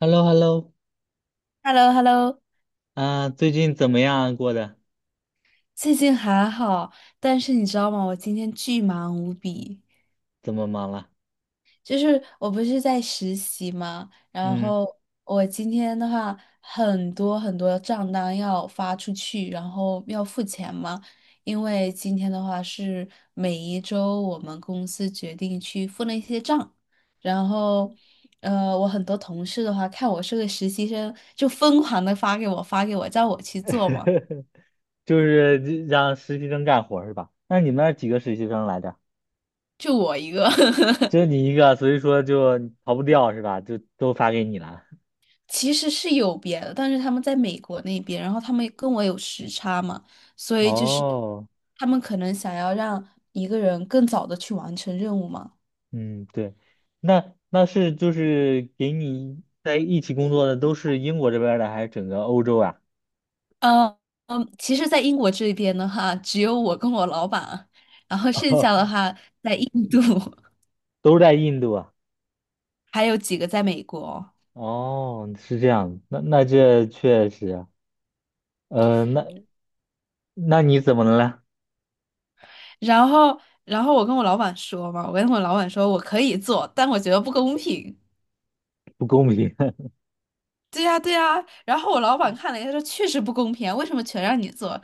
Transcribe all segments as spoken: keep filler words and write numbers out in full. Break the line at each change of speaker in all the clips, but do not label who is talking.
h e l l o h e l l o
h e l l o h e l l o
啊，最近怎么样啊过的？
最近还好，但是你知道吗？我今天巨忙无比，
怎么忙了？
就是我不是在实习嘛，然
嗯，
后我今天的话，很多很多账单要发出去，然后要付钱嘛，因为今天的话是每一周我们公司决定去付那些账，然后。呃，我很多同事的话，看我是个实习生，就疯狂的发给我，发给我，叫我去做嘛，
就是让实习生干活儿是吧？那你们那儿几个实习生来着？
就我一个。
就你一个，所以说就逃不掉是吧？就都发给你了。
其实是有别的，但是他们在美国那边，然后他们跟我有时差嘛，所以就是
哦，
他们可能想要让一个人更早的去完成任务嘛。
嗯，对，那那是就是给你在一起工作的都是英国这边儿的，还是整个欧洲啊？
嗯嗯，其实，在英国这边的话，只有我跟我老板，然后剩下的 话在印度，
都是在印度啊？
还有几个在美国。
哦，是这样，那那这确实啊，呃，那那你怎么了？
然后，然后我跟我老板说嘛，我跟我老板说我可以做，但我觉得不公平。
不公平。
对呀，对呀。然后我老板看了一下说，确实不公平啊，为什么全让你做？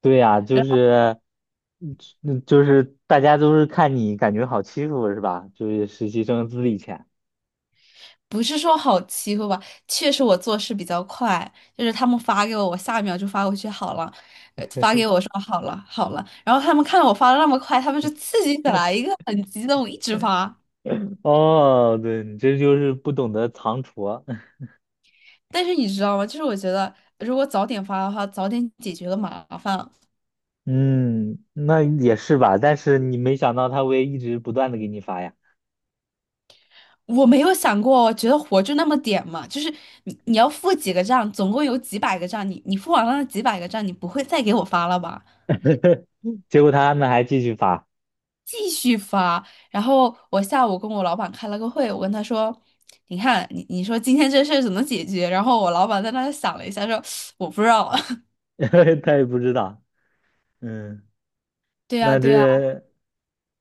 对呀，就是，嗯嗯就是大家都是看你感觉好欺负是吧？就是实习生资历浅。
不是说好欺负吧，确实我做事比较快，就是他们发给我，我下一秒就发过去好了，呃发给我说好了好了，然后他们看到我发的那么快，他们就刺激起来，一个很激动，一直发。
哦，对，你这就是不懂得藏拙。
但是你知道吗？就是我觉得如果早点发的话，早点解决了麻烦。
嗯，那也是吧，但是你没想到他会一直不断的给你发呀，
我没有想过，我觉得活就那么点嘛，就是你你要付几个账，总共有几百个账，你你付完了那几百个账，你不会再给我发了吧？
结果他们还继续发，
继续发。然后我下午跟我老板开了个会，我跟他说：“你看，你你说今天这事儿怎么解决？”然后我老板在那想了一下，说：“我不知道。
他也不知道。嗯，
对呀，
那
对呀，
这，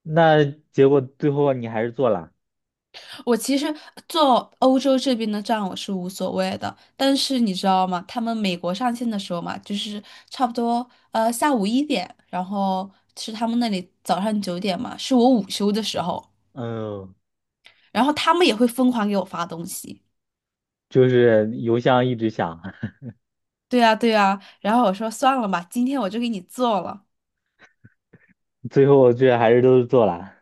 那结果最后你还是做了，
我其实做欧洲这边的账我是无所谓的，但是你知道吗？他们美国上线的时候嘛，就是差不多呃下午一点，然后是他们那里早上九点嘛，是我午休的时候，
嗯，
然后他们也会疯狂给我发东西。
就是邮箱一直响，
对呀，对呀，然后我说算了吧，今天我就给你做了。
最后这还是都是做了。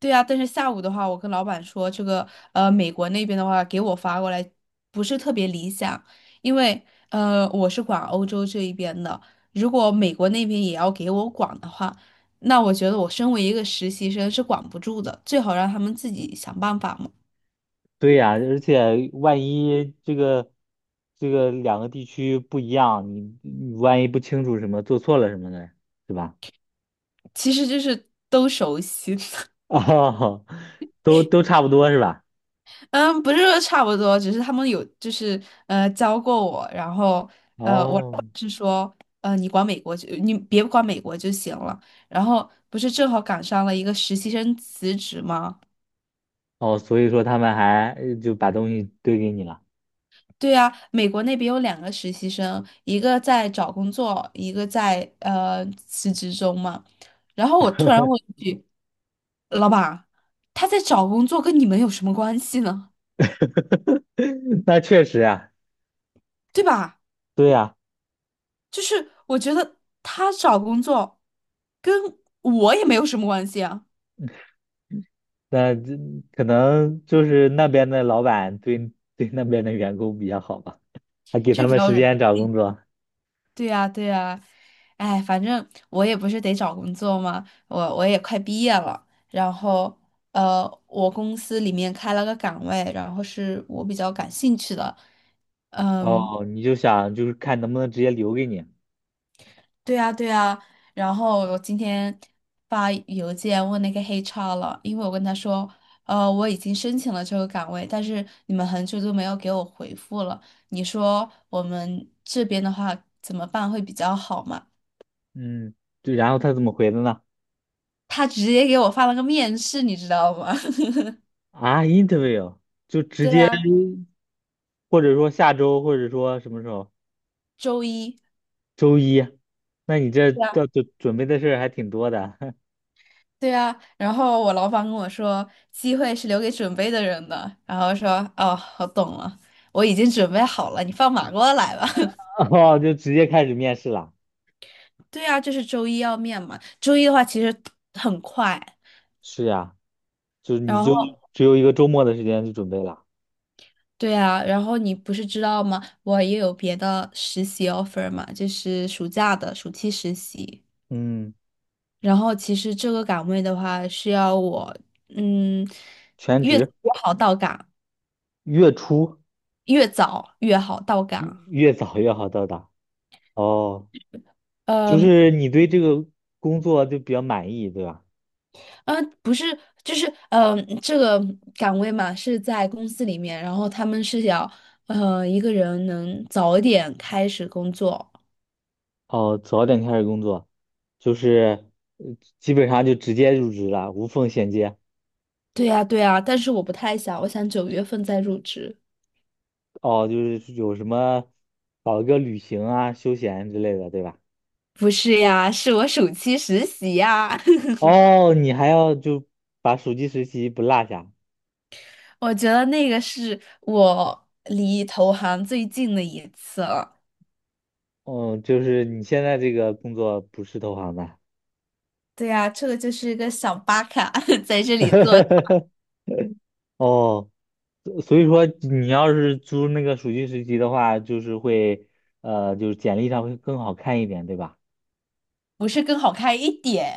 对啊，但是下午的话，我跟老板说，这个呃，美国那边的话给我发过来不是特别理想，因为呃，我是管欧洲这一边的，如果美国那边也要给我管的话，那我觉得我身为一个实习生是管不住的，最好让他们自己想办法嘛。
对呀，而且万一这个这个两个地区不一样，你你万一不清楚什么，做错了什么的，是吧？
其实就是都熟悉。
哦，都都差不多是吧？
嗯，不是说差不多，只是他们有就是呃教过我，然后呃我老板
哦
是说呃你管美国就你别管美国就行了，然后不是正好赶上了一个实习生辞职吗？
哦，所以说他们还呃就把东西堆给你了，
对啊，美国那边有两个实习生，一个在找工作，一个在呃辞职中嘛。然后我突然问一句，老板，他在找工作跟你们有什么关系呢？
那确实啊，
对吧？
对呀，
就是我觉得他找工作跟我也没有什么关系啊，
那这可能就是那边的老板对对那边的员工比较好吧，还给
这
他
比
们
较
时
人。嗯，
间找工作。
对呀，对呀，哎，反正我也不是得找工作嘛，我我也快毕业了，然后呃，我公司里面开了个岗位，然后是我比较感兴趣的，嗯。
哦，你就想就是看能不能直接留给你。
对啊，对啊，然后我今天发邮件问那个黑 r 了，因为我跟他说，呃，我已经申请了这个岗位，但是你们很久都没有给我回复了，你说我们这边的话怎么办会比较好嘛？
嗯，对，然后他怎么回的呢？
他直接给我发了个面试，你知道吗？
啊，interview，
对啊，
或者说下周，或者说什么时候？
周一。
周一。那你这
对啊，
要准准备的事儿还挺多的，
对啊，然后我老板跟我说，机会是留给准备的人的，然后说，哦，我懂了，我已经准备好了，你放马过来吧。
哦，就直接开始面试了。
对啊，就是周一要面嘛。周一的话其实很快，
是呀，就你
然
就
后
只有一个周末的时间去准备了。
对啊，然后你不是知道吗？我也有别的实习 offer 嘛，就是暑假的暑期实习。
嗯，
然后其实这个岗位的话是要我，嗯，
全
越早
职，
越好到岗，
月初
越早越好到
越
岗。
越早越好到达。哦，就
嗯
是你对这个工作就比较满意，对吧？
嗯，不是，就是嗯，这个岗位嘛是在公司里面，然后他们是要，呃，一个人能早一点开始工作。
哦，早点开始工作，就是呃基本上就直接入职了，无缝衔接。
对呀，对呀，但是我不太想，我想九月份再入职。
哦，就是有什么搞一个旅行啊、休闲之类的，对吧？
不是呀，是我暑期实习呀。
哦，你还要就把暑期实习不落下。
我觉得那个是我离投行最近的一次了。
哦，就是你现在这个工作不是投行的。
对呀，这个就是一个小巴卡 在这里做，
哦，所以说你要是租那个暑期实习的话，就是会呃，就是简历上会更好看一点，对吧？
不是更好看一点，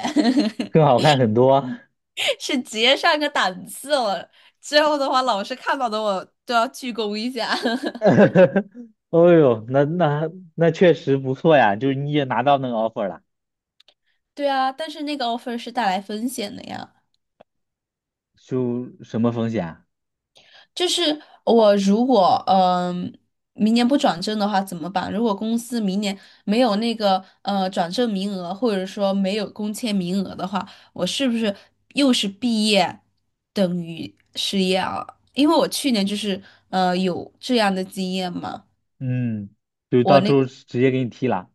更好看很多。
是直接上个档次了。之后的话，老师看到的我都要鞠躬一下。
哦呦，那那那确实不错呀，就是你也拿到那个 offer 了，
对啊，但是那个 offer 是带来风险的呀。
就什么风险啊
就是我如果嗯、明年不转正的话怎么办？如果公司明年没有那个呃转正名额，或者说没有工签名额的话，我是不是又是毕业等于失业啊？因为我去年就是呃有这样的经验嘛。
嗯，就
我
到时
那。
候直接给你踢了。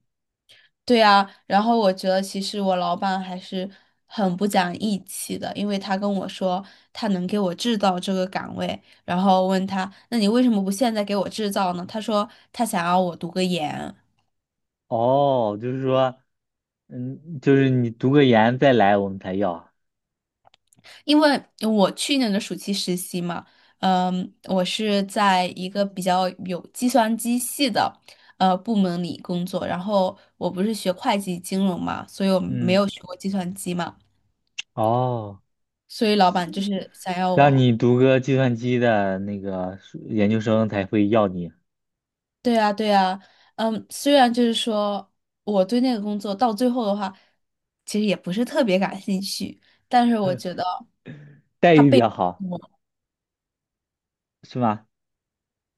对呀，然后我觉得其实我老板还是很不讲义气的，因为他跟我说他能给我制造这个岗位，然后问他，那你为什么不现在给我制造呢？他说他想要我读个研，
哦，就是说，嗯，就是你读个研再来我们才要啊。
因为我去年的暑期实习嘛，嗯，我是在一个比较有计算机系的呃部门里工作，然后我不是学会计金融嘛，所以我没
嗯，
有学过计算机嘛，
哦，
所以老板就是想要
让
我。
你读个计算机的那个研究生才会要你，
对呀，对呀，嗯，虽然就是说我对那个工作到最后的话，其实也不是特别感兴趣，但是我觉得
待
他
遇比
背
较
叛
好，
我，
是吗？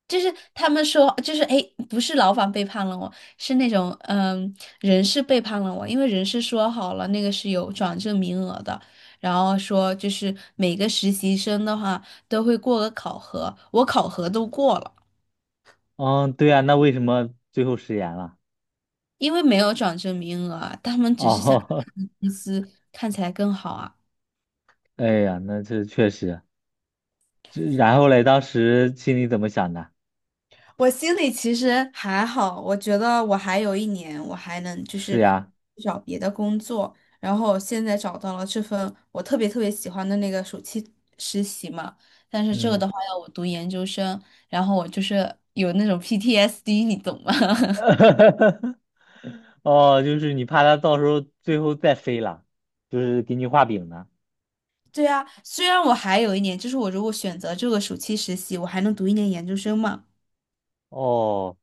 就是他们说，就是哎，诶不是老板背叛了我，是那种嗯人事背叛了我，因为人事说好了那个是有转正名额的，然后说就是每个实习生的话都会过个考核，我考核都过了。
嗯，对啊，那为什么最后食言了？
因为没有涨这名额啊，他们只是想
哦，
让公司看起来更好啊。
哎呀，那这确实。这然后嘞，当时心里怎么想的？
我心里其实还好，我觉得我还有一年，我还能就
是
是
呀，
找别的工作。然后现在找到了这份我特别特别喜欢的那个暑期实习嘛，但是这个
嗯，
的话要我读研究生，然后我就是有那种 P T S D，你懂吗？
哦，就是你怕他到时候最后再飞了，就是给你画饼呢。
对啊，虽然我还有一年，就是我如果选择这个暑期实习，我还能读一年研究生嘛。
哦，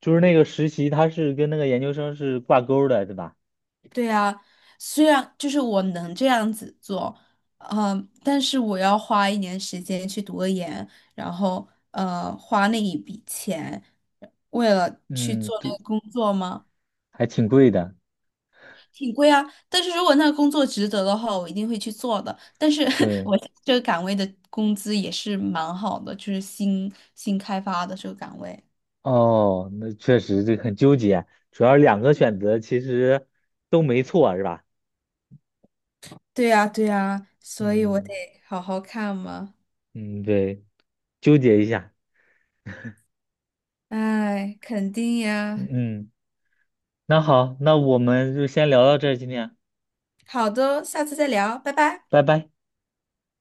就是那个实习，他是跟那个研究生是挂钩儿的，对吧？
对啊，虽然就是我能这样子做，嗯，但是我要花一年时间去读个研，然后呃，花那一笔钱，为了去
嗯，
做
对，
那个工作吗？
还挺贵的。
挺贵啊，但是如果那个工作值得的话，我一定会去做的。但是
对，
我这个岗位的工资也是蛮好的，就是新新开发的这个岗位。
哦，那确实这很纠结，主要两个选择其实都没错，是吧？
对呀，对呀，所以我
嗯
得好好看嘛。
嗯，对，纠结一下。
哎，肯定
嗯，
呀。
嗯那好，那我们就先聊到这儿，今天。
好的，下次再聊，拜拜。
拜拜。